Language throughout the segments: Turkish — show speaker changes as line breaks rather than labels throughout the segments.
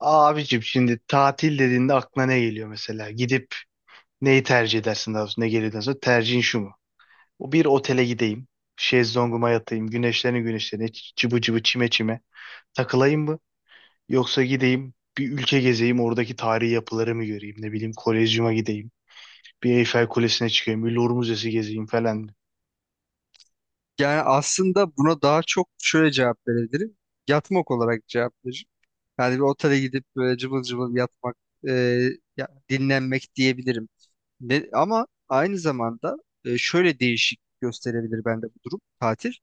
Abicim şimdi tatil dediğinde aklına ne geliyor mesela? Gidip neyi tercih edersin, daha doğrusu ne geliyor daha sonra? Tercihin şu mu? O, bir otele gideyim. Şezlonguma yatayım. Güneşlerini güneşlerine cıbı cıbı çime çime takılayım mı? Yoksa gideyim bir ülke gezeyim, oradaki tarihi yapıları mı göreyim? Ne bileyim, Kolezyum'a gideyim. Bir Eyfel Kulesi'ne çıkayım. Bir Louvre Müzesi gezeyim falan.
Yani aslında buna daha çok şöyle cevap verebilirim. Yatmak olarak cevap veririm. Yani bir otele gidip böyle cıvıl cıvıl yatmak, e, dinlenmek diyebilirim. Ama aynı zamanda şöyle değişik gösterebilir bende bu durum tatil.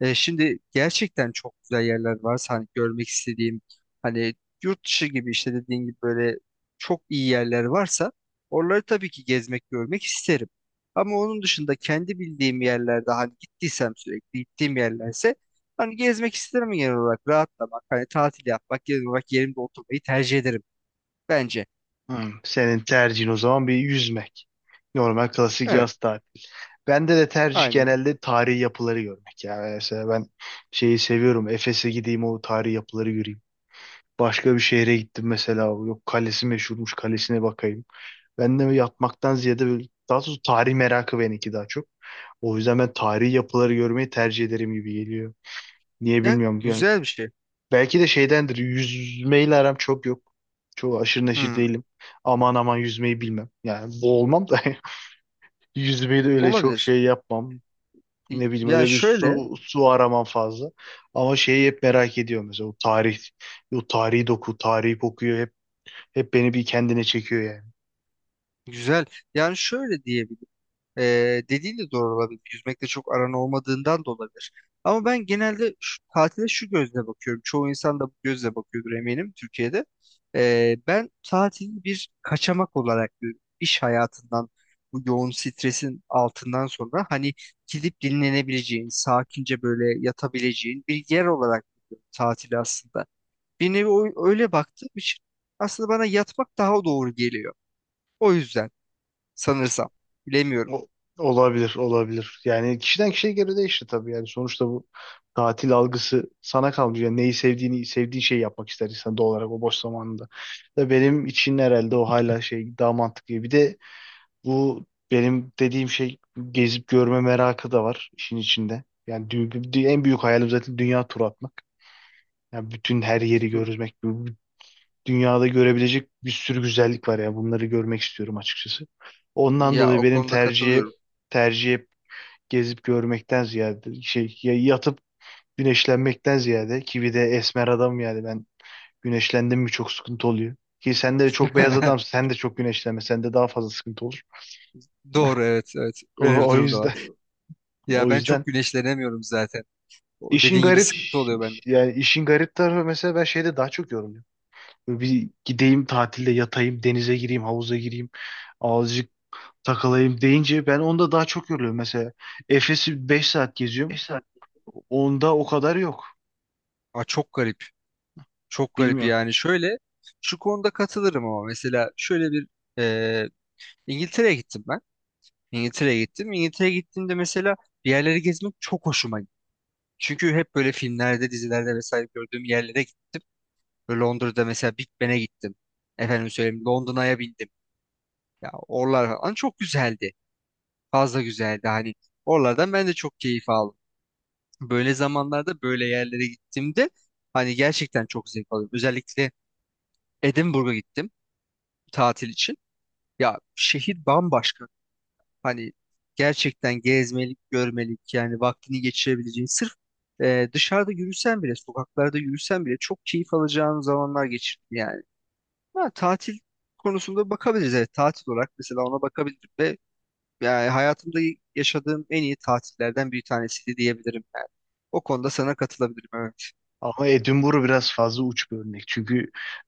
Şimdi gerçekten çok güzel yerler varsa hani görmek istediğim, hani yurt dışı gibi, işte dediğin gibi böyle çok iyi yerler varsa, oraları tabii ki gezmek görmek isterim. Ama onun dışında kendi bildiğim yerlerde, hani gittiysem, sürekli gittiğim yerlerse, hani gezmek isterim genel olarak, rahatlamak, hani tatil yapmak genel olarak yerimde oturmayı tercih ederim bence.
Hmm. Senin tercihin o zaman bir yüzmek. Normal klasik
Evet,
yaz tatili. Bende de tercih
aynen.
genelde tarihi yapıları görmek. Yani mesela ben şeyi seviyorum. Efes'e gideyim, o tarihi yapıları göreyim. Başka bir şehre gittim mesela. Yok, kalesi meşhurmuş, kalesine bakayım. Ben de yatmaktan ziyade böyle, daha doğrusu tarih merakı benimki daha çok. O yüzden ben tarihi yapıları görmeyi tercih ederim gibi geliyor. Niye
Ya,
bilmiyorum. Yani
güzel bir şey.
belki de şeydendir. Yüzmeyle aram çok yok. Çok aşırı neşir
Hmm.
değilim. Aman aman yüzmeyi bilmem. Yani boğulmam da yüzmeyi de öyle çok
Olabilir.
şey yapmam. Ne bileyim,
Yani
öyle bir
şöyle
su araman fazla. Ama şeyi hep merak ediyorum mesela, o tarih, o tarihi doku, tarihi kokuyor, hep hep beni bir kendine çekiyor yani.
güzel. Yani şöyle diyebilirim. Dediğin de doğru olabilir. Yüzmekte çok aran olmadığından da olabilir. Ama ben genelde şu, tatile şu gözle bakıyorum. Çoğu insan da bu gözle bakıyordur eminim Türkiye'de. Ben tatili bir kaçamak olarak görüyorum. İş hayatından bu yoğun stresin altından sonra, hani gidip dinlenebileceğin, sakince böyle yatabileceğin bir yer olarak görüyorum tatili aslında. Bir nevi öyle baktığım için aslında bana yatmak daha doğru geliyor. O yüzden sanırsam. Bilemiyorum.
O, olabilir, olabilir. Yani kişiden kişiye göre değişir tabii, yani sonuçta bu tatil algısı sana kalmış. Yani neyi sevdiğini, sevdiğin şeyi yapmak ister insan doğal olarak o boş zamanında. Da benim için herhalde o hala şey daha mantıklı. Bir de bu benim dediğim şey, gezip görme merakı da var işin içinde. Yani en büyük hayalim zaten dünya turu atmak. Ya bütün her yeri
Tabii.
görmek, bu dünyada görebilecek bir sürü güzellik var ya. Bunları görmek istiyorum açıkçası. Ondan
Ya,
dolayı
o
benim
konuda
tercihe
katılıyorum.
tercihe gezip görmekten ziyade şey, ya yatıp güneşlenmekten ziyade, ki bir de esmer adam yani ben, güneşlendim mi çok sıkıntı oluyor. Ki sen de çok beyaz adamsın. Sen de çok güneşlenme. Sende daha fazla sıkıntı olur.
Doğru, evet, evet.
O,
Böyle bir
o
durum da var.
yüzden,
Ya
o
ben
yüzden
çok güneşlenemiyorum zaten. O
işin
dediğin gibi
garip,
sıkıntı oluyor bende.
yani işin garip tarafı mesela ben şeyde daha çok yoruluyorum. Böyle bir gideyim tatilde yatayım, denize gireyim, havuza gireyim, azıcık takılayım deyince, ben onda daha çok yoruluyorum. Mesela Efes'i 5 saat geziyorum. Onda o kadar yok.
Aa, çok garip. Çok garip
Bilmiyorum.
yani. Şöyle şu konuda katılırım ama mesela şöyle bir e, İngiltere'ye gittim ben. İngiltere'ye gittim. İngiltere'ye gittiğimde mesela bir yerleri gezmek çok hoşuma gitti. Çünkü hep böyle filmlerde, dizilerde vesaire gördüğüm yerlere gittim. Böyle Londra'da mesela Big Ben'e gittim. Efendim söyleyeyim Londra'ya bindim. Ya oralar falan çok güzeldi. Fazla güzeldi hani. Oralardan ben de çok keyif aldım. Böyle zamanlarda böyle yerlere gittiğimde hani gerçekten çok zevk alıyorum. Özellikle Edinburgh'a gittim tatil için. Ya şehir bambaşka. Hani gerçekten gezmelik, görmelik yani vaktini geçirebileceğin, sırf dışarıda yürüsen bile, sokaklarda yürüsen bile çok keyif alacağın zamanlar geçirdim yani. Ha, tatil konusunda bakabiliriz. Evet, tatil olarak mesela ona bakabilirim ve yani hayatımda yaşadığım en iyi tatillerden bir tanesiydi diyebilirim yani. O konuda sana katılabilirim.
Ama Edinburgh biraz fazla uç bir örnek. Çünkü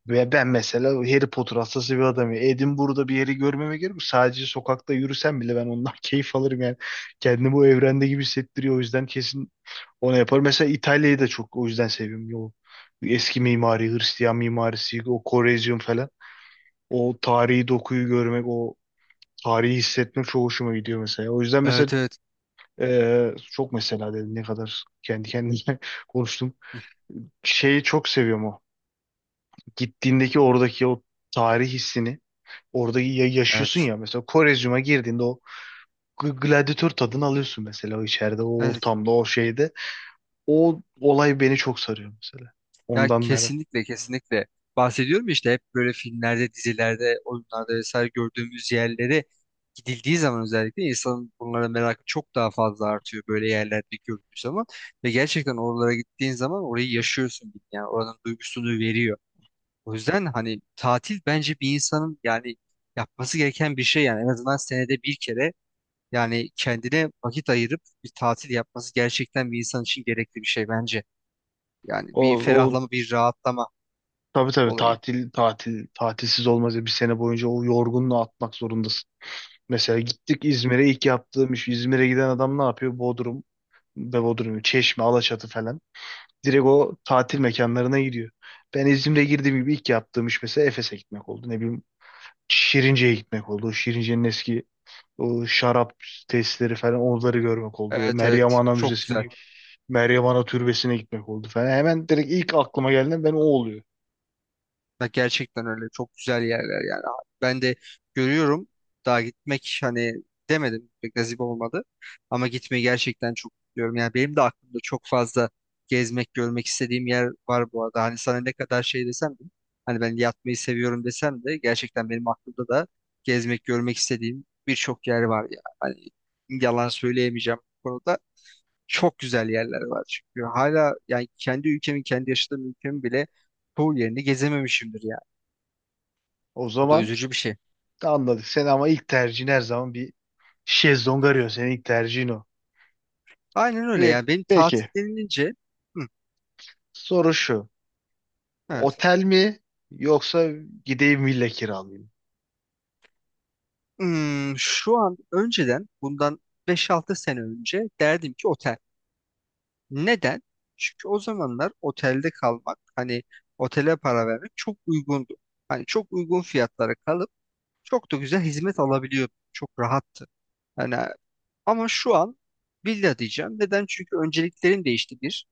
ve ben mesela Harry Potter hastası bir adamım. Edinburgh'da bir yeri görmeme gerek yok. Sadece sokakta yürüsem bile ben ondan keyif alırım yani. Kendimi bu evrende gibi hissettiriyor. O yüzden kesin onu yapar. Mesela İtalya'yı da çok o yüzden seviyorum. O eski mimari, Hristiyan mimarisi, o Korezyum falan. O tarihi dokuyu görmek, o tarihi hissetmek çok hoşuma gidiyor mesela. O yüzden mesela
Evet, evet, evet.
çok mesela dedim ne kadar kendi kendime konuştum.
Hı,
Şeyi çok seviyorum o. Gittiğindeki oradaki o tarih hissini orada yaşıyorsun
evet.
ya, mesela Korezyum'a girdiğinde o gladyatör tadını alıyorsun mesela, o içeride, o
Evet.
ortamda, o şeyde. O olay beni çok sarıyor mesela.
Ya
Ondan merak.
kesinlikle, kesinlikle. Bahsediyorum ya işte, hep böyle filmlerde, dizilerde, oyunlarda vesaire gördüğümüz yerlere gidildiği zaman özellikle insanın bunlara merakı çok daha fazla artıyor böyle yerlerde gördüğü zaman, ve gerçekten oralara gittiğin zaman orayı yaşıyorsun yani, oranın duygusunu veriyor. O yüzden hani tatil bence bir insanın yani yapması gereken bir şey yani, en azından senede bir kere yani kendine vakit ayırıp bir tatil yapması gerçekten bir insan için gerekli bir şey bence. Yani
O,
bir
o
ferahlama, bir rahatlama
tabii tabii,
olayı.
tatil tatilsiz olmaz ya, bir sene boyunca o yorgunluğu atmak zorundasın. Mesela gittik İzmir'e, ilk yaptığım iş, İzmir'e giden adam ne yapıyor? Bodrum ve Bodrum, Çeşme, Alaçatı falan. Direkt o tatil mekanlarına gidiyor. Ben İzmir'e girdiğim gibi ilk yaptığım iş mesela Efes'e gitmek oldu. Ne bileyim, Şirince'ye gitmek oldu. O Şirince'nin eski o şarap tesisleri falan, onları görmek oldu.
Evet,
Meryem
evet,
Ana
çok güzel.
Müzesi'ni, Meryem Ana Türbesi'ne gitmek oldu falan. Hemen direkt ilk aklıma gelen ben o oluyor.
Ya gerçekten öyle çok güzel yerler yani. Ben de görüyorum, daha gitmek hani demedim, pek nasip olmadı ama gitmeyi gerçekten çok istiyorum. Yani benim de aklımda çok fazla gezmek görmek istediğim yer var bu arada. Hani sana ne kadar şey desem de, hani ben yatmayı seviyorum desem de, gerçekten benim aklımda da gezmek görmek istediğim birçok yer var ya. Hani yalan söyleyemeyeceğim bu konuda. Çok güzel yerler var çünkü, hala yani kendi ülkemin, kendi yaşadığım ülkemin bile çoğu yerini gezememişimdir yani.
O
Bu da
zaman
üzücü bir şey.
anladık seni, ama ilk tercihin her zaman bir şezlong arıyor. Senin ilk tercihin o.
Aynen öyle
Ve
yani benim tatil
peki,
denilince. Hı,
soru şu.
evet.
Otel mi yoksa gideyim villa kiralayayım?
Hmm, şu an önceden bundan beş altı sene önce derdim ki otel. Neden? Çünkü o zamanlar otelde kalmak hani, otele para vermek çok uygundu. Hani çok uygun fiyatlara kalıp çok da güzel hizmet alabiliyordum. Çok rahattı. Yani ama şu an villa diyeceğim. Neden? Çünkü önceliklerim değişti bir.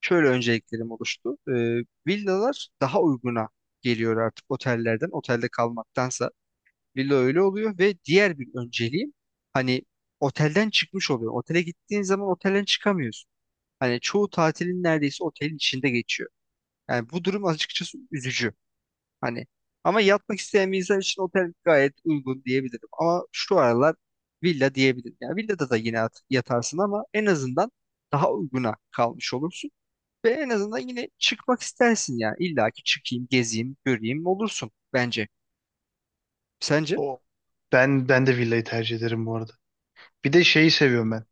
Şöyle önceliklerim oluştu. Villalar daha uyguna geliyor artık otellerden. Otelde kalmaktansa villa öyle oluyor, ve diğer bir önceliğim hani otelden çıkmış oluyor. Otele gittiğin zaman otelden çıkamıyorsun. Hani çoğu tatilin neredeyse otelin içinde geçiyor. Yani bu durum açıkçası üzücü. Hani ama yatmak isteyen bir insan için otel gayet uygun diyebilirim. Ama şu aralar villa diyebilirim. Yani villada da yine yatarsın ama en azından daha uyguna kalmış olursun. Ve en azından yine çıkmak istersin yani. İlla ki çıkayım, gezeyim, göreyim olursun bence. Sence?
O, ben de villayı tercih ederim bu arada. Bir de şeyi seviyorum ben.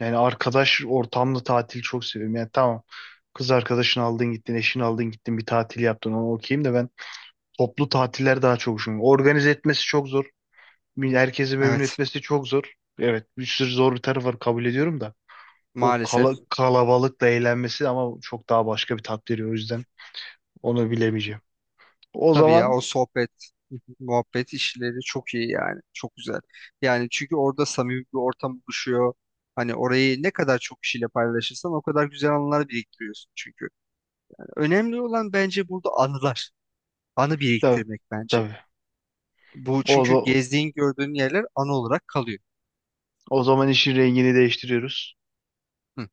Yani arkadaş ortamlı tatili çok seviyorum. Yani tamam, kız arkadaşını aldın gittin, eşini aldın gittin, bir tatil yaptın, ona okeyim, de ben toplu tatiller daha çok hoşuma gidiyor. Organize etmesi çok zor. Herkesi memnun
Evet.
etmesi çok zor. Evet, bir sürü zor bir tarafı var, kabul ediyorum da. O
Maalesef.
kalabalıkla eğlenmesi ama çok daha başka bir tat veriyor, o yüzden onu bilemeyeceğim. O
Tabii ya,
zaman
o sohbet, muhabbet işleri çok iyi yani. Çok güzel. Yani çünkü orada samimi bir ortam oluşuyor. Hani orayı ne kadar çok kişiyle paylaşırsan o kadar güzel anılar biriktiriyorsun çünkü. Önemli olan bence burada anılar. Anı
tabii
biriktirmek bence.
tabii.
Bu
O,
çünkü
za-
gezdiğin gördüğün yerler anı olarak kalıyor.
O zaman işin rengini değiştiriyoruz.
Hı.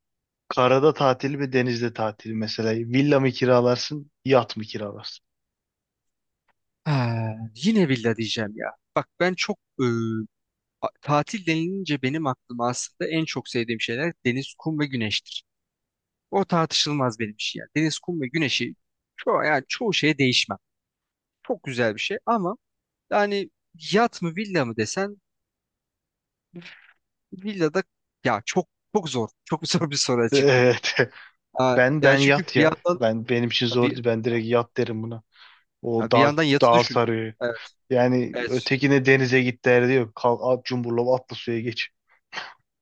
Karada tatil mi, denizde tatil mi? Mesela villa mı kiralarsın, yat mı kiralarsın?
Ha, yine villa diyeceğim ya. Bak ben çok tatil denilince benim aklıma aslında en çok sevdiğim şeyler deniz, kum ve güneştir. O tartışılmaz benim için yani. Deniz, kum ve güneşi çoğu, yani çoğu şeye değişmem. Çok güzel bir şey ama yani yat mı villa mı desen, villada ya çok çok zor. Çok zor bir soru açıkçası.
Evet.
Ha,
Ben
ya
ben
çünkü
yat
bir
ya.
yandan
Ben, benim için zordu.
bir
Ben direkt yat derim buna. O
ya bir
daha
yandan yatı
daha
düşünüyorum.
sarıyor.
Evet,
Yani
evet.
ötekine denize git derdi yok. Kal at, cumburlop atla suya geç.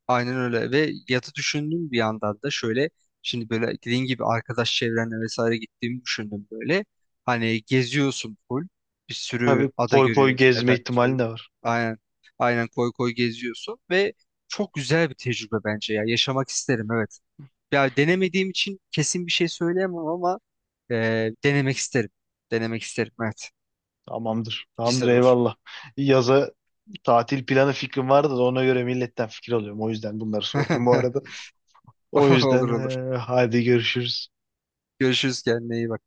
Aynen öyle. Ve yatı düşündüm bir yandan da şöyle, şimdi böyle dediğin gibi arkadaş çevrenle vesaire gittiğimi düşündüm böyle. Hani geziyorsun full. Bir sürü
Tabii
ada
koy koy
görüyorsun
gezme
efendim
ihtimali
söyleyeyim.
de var.
Aynen. Aynen koy koy geziyorsun ve çok güzel bir tecrübe bence ya. Yaşamak isterim evet. Ya denemediğim için kesin bir şey söyleyemem ama e, denemek isterim. Denemek isterim evet.
Tamamdır. Tamamdır,
Güzel olur.
eyvallah. Yaza tatil planı fikrim vardı da ona göre milletten fikir alıyorum. O yüzden bunları sordum bu arada. O
Olur
yüzden
olur.
hadi görüşürüz.
Görüşürüz, kendine iyi bak.